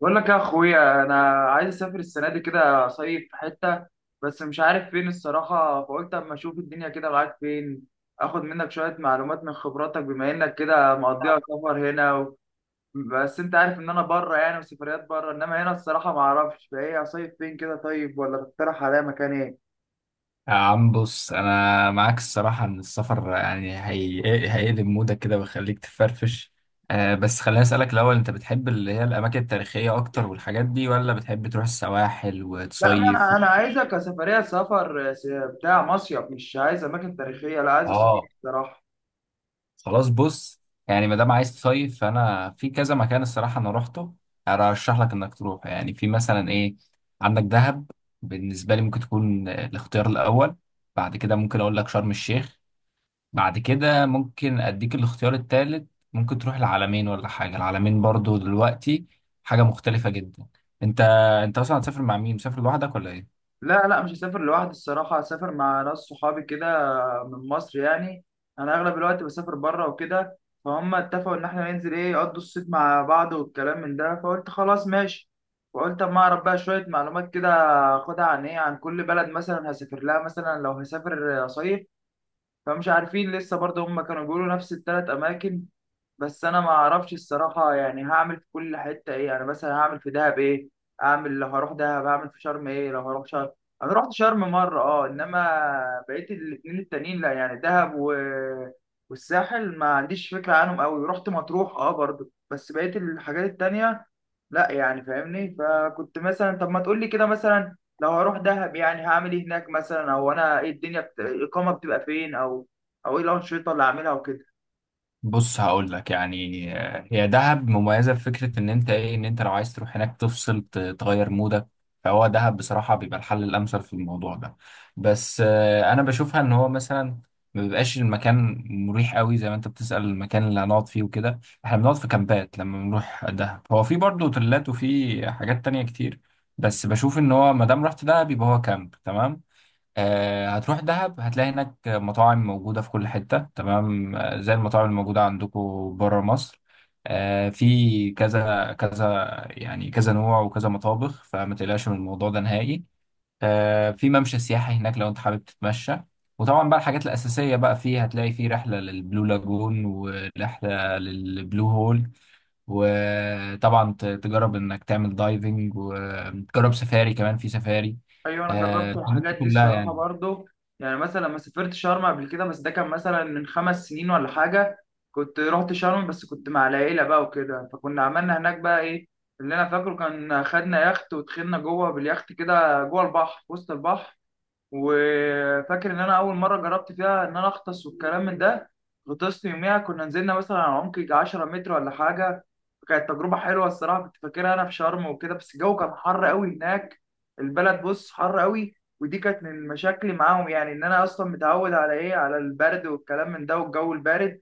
بقول لك يا اخويا انا عايز اسافر السنه دي كده صيف في حته، بس مش عارف فين الصراحه. فقلت اما اشوف الدنيا كده معاك، فين اخد منك شويه معلومات من خبراتك، بما انك كده مقضيها سفر هنا بس انت عارف ان انا بره، يعني وسفريات بره، انما هنا الصراحه ما اعرفش فايه اصيف فين كده. طيب ولا تقترح عليا مكان ايه؟ يا عم بص، انا معاك الصراحه ان السفر يعني هيقلب مودك كده ويخليك تفرفش. آه بس خليني اسالك الاول، انت بتحب اللي هي الاماكن التاريخيه اكتر والحاجات دي ولا بتحب تروح السواحل لا، ما وتصيف انا و... انا عايزك كسفريه سفر بتاع مصيف، مش عايز اماكن تاريخيه، لا عايز اسافر اه الصراحه. خلاص بص، يعني ما دام عايز تصيف فانا في كذا مكان الصراحه انا روحته، ارشح لك انك تروح يعني في مثلا ايه. عندك دهب، بالنسبه لي ممكن تكون الاختيار الاول. بعد كده ممكن اقول لك شرم الشيخ. بعد كده ممكن اديك الاختيار التالت، ممكن تروح العالمين ولا حاجه، العالمين برضو دلوقتي حاجه مختلفه جدا. انت انت اصلا هتسافر مع مين؟ مسافر لوحدك ولا ايه؟ لا، مش هسافر لوحدي الصراحة، هسافر مع ناس صحابي كده، من مصر يعني. أنا أغلب الوقت بسافر بره وكده، فهم اتفقوا إن إحنا ننزل إيه، يقضوا الصيف مع بعض والكلام من ده، فقلت خلاص ماشي. وقلت أما أعرف بقى شوية معلومات كده، أخدها عن إيه، عن كل بلد مثلا هسافر لها، مثلا لو هسافر صيف. فمش عارفين لسه برضه، هم كانوا بيقولوا نفس التلات أماكن. بس انا ما اعرفش الصراحه يعني هعمل في كل حته ايه. يعني مثلا هعمل في دهب ايه، اعمل لو هروح دهب، هعمل في شرم ايه لو هروح شرم. انا رحت شرم مره، اه، انما بقيت الاتنين التانيين لا، يعني دهب والساحل ما عنديش فكره عنهم قوي. رحت مطروح اه برضو، بس بقيت الحاجات التانيه لا يعني، فاهمني؟ فكنت مثلا طب ما تقول لي كده، مثلا لو هروح دهب يعني هعمل ايه هناك مثلا، او انا ايه الدنيا الاقامه بتبقى فين، او او ايه الانشطه اللي هعملها وكده. بص هقول لك يعني، هي دهب مميزه في فكره ان انت ايه، ان انت لو عايز تروح هناك تفصل تغير مودك، فهو دهب بصراحه بيبقى الحل الامثل في الموضوع ده. بس انا بشوفها ان هو مثلا ما بيبقاش المكان مريح قوي زي ما انت بتسأل، المكان اللي هنقعد فيه وكده، احنا بنقعد في كامبات لما بنروح دهب، هو في برضه اوتيلات وفي حاجات تانية كتير، بس بشوف ان هو ما دام رحت دهب يبقى هو كامب تمام. هتروح دهب هتلاقي هناك مطاعم موجودة في كل حتة تمام، زي المطاعم الموجودة عندكم بره مصر. في كذا كذا يعني، كذا نوع وكذا مطابخ، فما تقلقش من الموضوع ده نهائي. في ممشى سياحي هناك لو انت حابب تتمشى. وطبعا بقى الحاجات الأساسية بقى فيه، هتلاقي فيه رحلة للبلو لاجون ورحلة للبلو هول. وطبعا تجرب انك تعمل دايفنج، وتجرب سفاري كمان في سفاري، ايوه انا جربت الحاجات دي الحاجات دي كلها الصراحه يعني. برضو. يعني مثلا لما سافرت شرم قبل كده، بس ده كان مثلا من خمس سنين ولا حاجه. كنت رحت شرم بس كنت مع العيله بقى وكده، فكنا عملنا هناك بقى ايه، اللي انا فاكره كان خدنا يخت ودخلنا جوه باليخت كده، جوه البحر، في وسط البحر. وفاكر ان انا اول مره جربت فيها ان انا اغطس والكلام من ده. غطست يوميها، كنا نزلنا مثلا على عمق يجي 10 متر ولا حاجه. كانت تجربه حلوه الصراحه، كنت فاكرها انا في شرم وكده. بس الجو كان حر قوي هناك، البلد بص حر قوي، ودي كانت من مشاكلي معاهم، يعني ان انا اصلا متعود على ايه، على البرد والكلام من ده، والجو البارد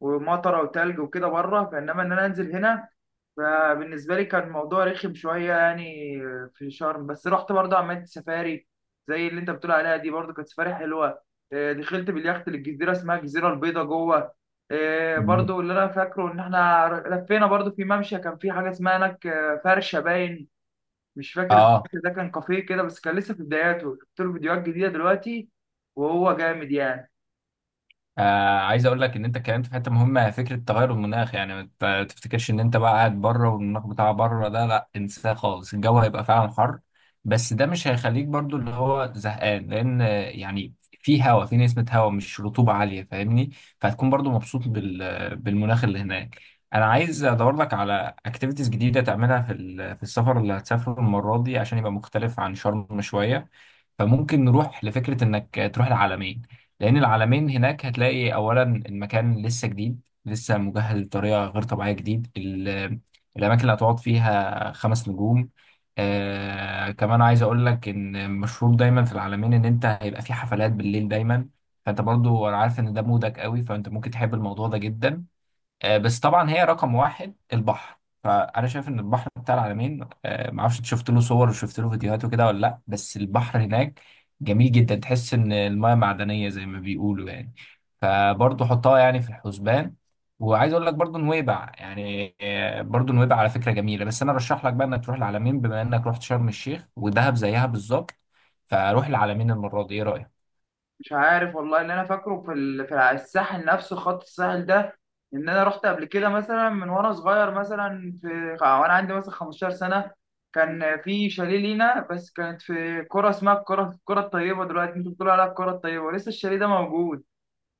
ومطره وتلج وكده بره، فانما ان انا انزل هنا فبالنسبة لي كان الموضوع رخم شوية يعني. في شرم بس رحت برضه عملت سفاري، زي اللي انت بتقول عليها دي، برضه كانت سفاري حلوة. دخلت باليخت للجزيرة، اسمها الجزيرة البيضاء، جوه. مم. برضه اللي انا فاكره ان احنا لفينا برضه في ممشى، كان في حاجة اسمها هناك فرشة باين. مش فاكر اه. الفرش ده، كان كافيه كده، بس كان لسه في بداياته. شفت له فيديوهات جديدة دلوقتي وهو جامد يعني. عايز اقول لك ان انت اتكلمت في حته مهمه، فكره تغير المناخ، يعني ما تفتكرش ان انت بقى قاعد بره والمناخ بتاع بره ده، لا انساه خالص، الجو هيبقى فعلا حر، بس ده مش هيخليك برضو اللي هو زهقان، لان يعني في هوا، في نسمه هوا مش رطوبه عاليه، فاهمني؟ فهتكون برضو مبسوط بالمناخ اللي هناك. انا عايز ادور لك على اكتيفيتيز جديده تعملها في السفر اللي هتسافره المره دي عشان يبقى مختلف عن شرم شويه، فممكن نروح لفكره انك تروح العلمين، لأن العلمين هناك هتلاقي أولا المكان لسه جديد، لسه مجهز بطريقة غير طبيعية، الأماكن اللي هتقعد فيها 5 نجوم. آه كمان عايز أقول لك إن مشهور دايما في العلمين إن أنت هيبقى في حفلات بالليل دايما، فأنت برضو أنا عارف إن ده مودك قوي، فأنت ممكن تحب الموضوع ده جدا. بس طبعا هي رقم واحد البحر، فانا شايف ان البحر بتاع العلمين، معرفش انت شفت له صور وشفت له فيديوهات وكده ولا لا، بس البحر هناك جميل جدا، تحس ان المياه معدنيه زي ما بيقولوا يعني، فبرضه حطها يعني في الحسبان. وعايز اقول لك برضه نويبع يعني، برضه نويبع على فكره جميله، بس انا رشح لك بقى انك تروح العلمين بما انك رحت شرم الشيخ ودهب زيها بالظبط، فروح العلمين المره دي، ايه رايك؟ مش عارف والله، ان انا فاكره في في الساحل نفسه، خط الساحل ده، ان انا رحت قبل كده مثلا من وانا صغير، مثلا في وانا عندي مثلا 15 سنه. كان في شاليه لينا، بس كانت في كرة اسمها الكرة الطيبة، دلوقتي انتوا بتقولوا عليها الكرة الطيبة، ولسه الشاليه ده موجود.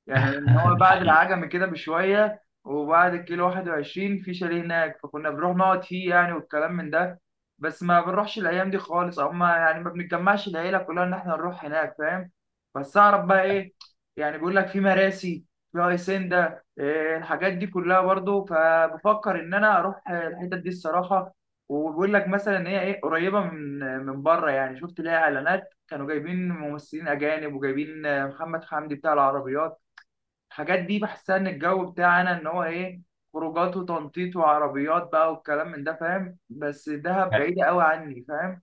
يعني ان هو بعد الحقيقة. العجمي كده بشويه، وبعد الكيلو 21، في شاليه هناك، فكنا بنروح نقعد فيه يعني والكلام من ده. بس ما بنروحش الايام دي خالص، او ما يعني ما بنتجمعش العيله كلها ان احنا نروح هناك، فاهم؟ بس اعرف بقى ايه، يعني بيقول لك في مراسي، في هيسندا، إيه الحاجات دي كلها برضو، فبفكر ان انا اروح الحتت دي الصراحه. وبيقول لك مثلا ان هي ايه، قريبه من بره يعني، شفت ليها اعلانات كانوا جايبين ممثلين اجانب، وجايبين محمد حمدي بتاع العربيات. الحاجات دي بحسها ان الجو بتاعنا ان هو ايه، خروجات وتنطيط وعربيات بقى والكلام من ده، فاهم؟ بس دهب بعيدة قوي عني، فاهم.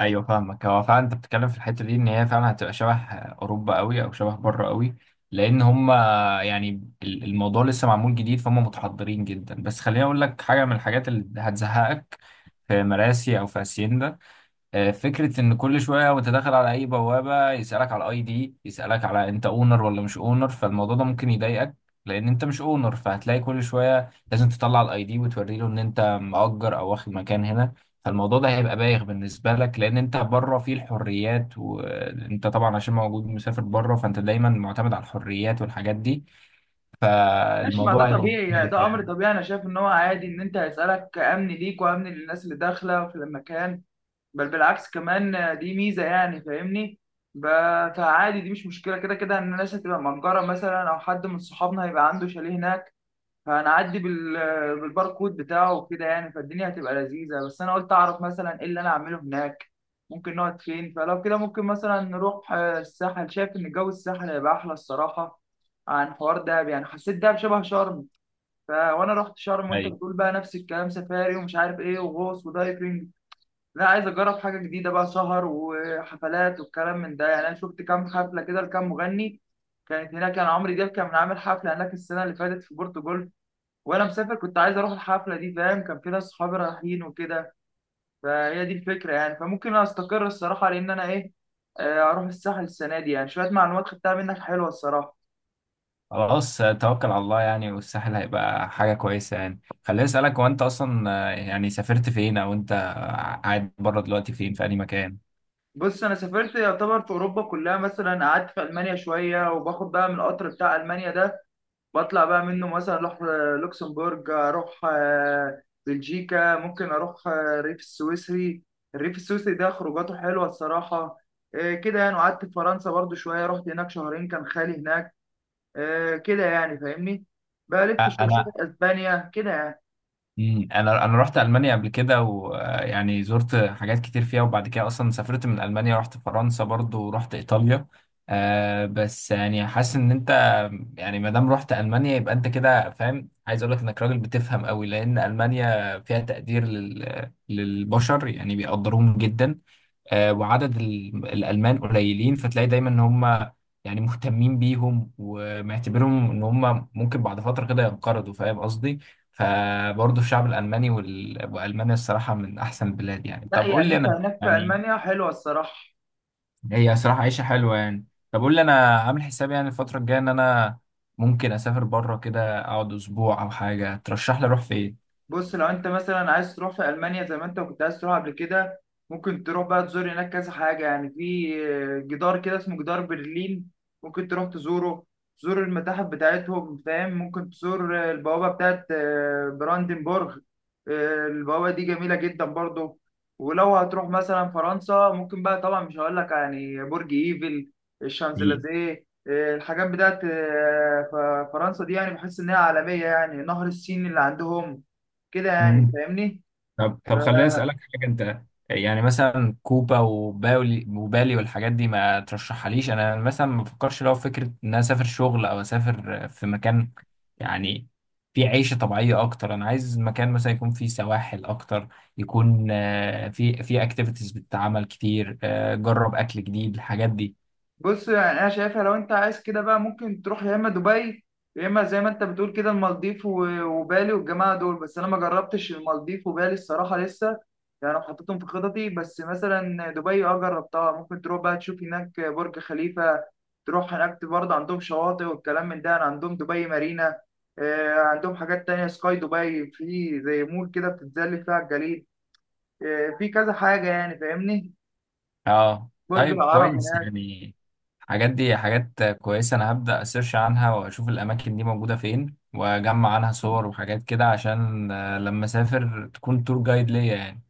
ايوه فاهمك، هو فعلا انت بتتكلم في الحته دي ان هي فعلا هتبقى شبه اوروبا قوي، او شبه بره قوي، لان هم يعني الموضوع لسه معمول جديد، فهم متحضرين جدا، بس خليني اقول لك حاجه من الحاجات اللي هتزهقك في مراسي او في هاسيندا. فكرة إن كل شوية وأنت داخل على أي بوابة يسألك على الأي دي، يسألك على أنت أونر ولا مش أونر، فالموضوع ده ممكن يضايقك، لأن أنت مش أونر، فهتلاقي كل شوية لازم تطلع الأي دي وتوري له إن أنت مأجر أو واخد مكان هنا، فالموضوع ده هيبقى بايخ بالنسبة لك، لأن أنت بره فيه الحريات، وأنت طبعا عشان موجود مسافر بره، فأنت دايما معتمد على الحريات والحاجات دي، ماشي، ما ده فالموضوع هيبقى طبيعي يعني، مختلف ده امر يعني. طبيعي، انا شايف ان هو عادي ان انت هيسألك، امن ليك وامن للناس اللي داخلة في المكان. بل بالعكس كمان دي ميزة يعني، فاهمني. ب- فعادي دي مش مشكلة، كده كده ان الناس هتبقى مأجرة مثلا، او حد من صحابنا هيبقى عنده شاليه هناك، هنعدي بالباركود بتاعه وكده يعني. فالدنيا هتبقى لذيذة، بس أنا قلت أعرف مثلا إيه اللي أنا أعمله هناك، ممكن نقعد فين. فلو كده ممكن مثلا نروح الساحل. شايف إن جو الساحل هيبقى أحلى الصراحة عن حوار دهب، يعني حسيت دهب شبه شرم. وأنا رحت شرم، وأنت أيوة. بتقول بقى نفس الكلام، سفاري ومش عارف إيه وغوص ودايفنج. لا، عايز أجرب حاجة جديدة بقى، سهر وحفلات والكلام من ده يعني. أنا شفت كام حفلة كده لكام مغني كانت هناك، كان عمرو دياب كان عامل حفلة هناك السنة اللي فاتت في بورتو، وانا مسافر كنت عايز اروح الحفله دي، فاهم؟ كان في ناس صحابي رايحين وكده، فهي دي الفكره يعني. فممكن انا استقر الصراحه، لان انا ايه، اروح الساحل السنه دي يعني. شويه معلومات خدتها منك حلوه الصراحه. خلاص، توكل على الله يعني، والساحل هيبقى حاجة كويسة يعني. خليني أسألك، هو أنت أصلا يعني سافرت فين؟ أو أنت قاعد بره دلوقتي فين، في أي مكان؟ بص انا سافرت يعتبر في اوروبا كلها، مثلا قعدت في المانيا شويه، وباخد بقى من القطر بتاع المانيا ده، بطلع بقى منه، مثلا اروح لوكسمبورج، اروح بلجيكا، ممكن اروح الريف السويسري. الريف السويسري ده خروجاته حلوه الصراحه. كده يعني. وقعدت في فرنسا برضو شويه، رحت هناك شهرين، كان خالي هناك. آه كده يعني، فاهمني، بلف شوية، أنا... اسبانيا كده يعني. أنا رحت ألمانيا قبل كده، ويعني زرت حاجات كتير فيها، وبعد كده أصلا سافرت من ألمانيا رحت فرنسا برضو ورحت إيطاليا. آه بس يعني حاسس إن أنت يعني ما دام رحت ألمانيا يبقى أنت كده فاهم. عايز أقول لك إنك راجل بتفهم قوي، لأن ألمانيا فيها تقدير للبشر، يعني بيقدروهم جدا. وعدد الألمان قليلين، فتلاقي دايما إن هم يعني مهتمين بيهم ومعتبرهم إن هم ممكن بعد فترة كده ينقرضوا، فاهم قصدي؟ فبرضه الشعب الألماني وألمانيا الصراحة من أحسن البلاد يعني، لا طب قول يعني لي انت أنا هناك في يعني، المانيا حلوه الصراحه. هي صراحة عيشة حلوة يعني. طب قول لي أنا عامل حسابي يعني الفترة الجاية إن أنا ممكن أسافر بره كده، أقعد أسبوع أو حاجة، ترشح لي أروح فين؟ بص لو انت مثلا عايز تروح في المانيا زي ما انت كنت عايز تروح قبل كده، ممكن تروح بقى تزور هناك كذا حاجه. يعني في جدار كده اسمه جدار برلين، ممكن تروح تزوره، تزور المتاحف بتاعتهم، فاهم؟ ممكن تزور البوابه بتاعت براندنبورغ. البوابه دي جميله جدا برضو. ولو هتروح مثلا فرنسا، ممكن بقى طبعا، مش هقول لك يعني برج ايفل، الشانزليزيه، الحاجات بتاعت فرنسا دي يعني، بحس انها عالميه يعني، نهر السين اللي عندهم كده يعني، حقيقي. فاهمني. طب طب خليني اسالك حاجه، انت يعني مثلا كوبا وباولي وبالي والحاجات دي ما ترشحهاليش؟ انا مثلا ما بفكرش، لو فكره ان انا اسافر شغل او اسافر في مكان يعني فيه عيشه طبيعيه اكتر، انا عايز مكان مثلا يكون فيه سواحل اكتر، يكون فيه اكتيفيتيز بتتعمل كتير، جرب اكل جديد الحاجات دي. بص يعني انا شايفها لو انت عايز كده بقى، ممكن تروح يا اما دبي، يا اما زي ما انت بتقول كده المالديف وبالي والجماعه دول. بس انا ما جربتش المالديف وبالي الصراحه لسه، يعني أنا حطيتهم في خططي. بس مثلا دبي اه جربتها، ممكن تروح بقى تشوف هناك برج خليفه، تروح هناك برضه عندهم شواطئ والكلام من ده يعني، عندهم دبي مارينا. عندهم حاجات تانية، سكاي دبي، في زي مول كده بتتزلج فيها على الجليد. في كذا حاجة يعني، فاهمني، اه برج طيب العرب كويس هناك. يعني. الحاجات دي حاجات كويسة، أنا هبدأ أسيرش عنها وأشوف الأماكن دي موجودة فين، وأجمع عنها صور وحاجات كده عشان لما أسافر تكون تور جايد ليا يعني.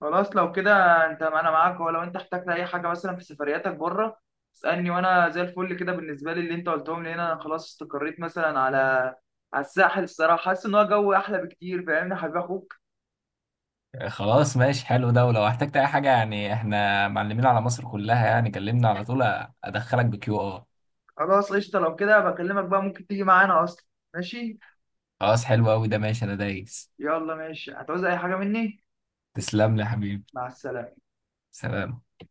خلاص لو كده، انت انا معاك، ولو انت احتجت اي حاجه مثلا في سفرياتك بره، اسالني وانا زي الفل كده. بالنسبه لي اللي انت قلتهم لي هنا، انا خلاص استقريت مثلا على الساحل الصراحه، حاسس ان هو جو احلى بكتير، فاهمني يا حبيب اخوك. خلاص ماشي حلو ده، ولو احتجت أي حاجة يعني إحنا معلمين على مصر كلها يعني، كلمنا على طول، أدخلك بكيو آر. خلاص قشطه لو كده، بكلمك بقى، ممكن تيجي معانا اصلا. ماشي، خلاص حلو أوي ده، ماشي أنا دايس. يلا ماشي، هتعوز اي حاجه مني؟ تسلم لي يا حبيبي. مع السلامه. سلام.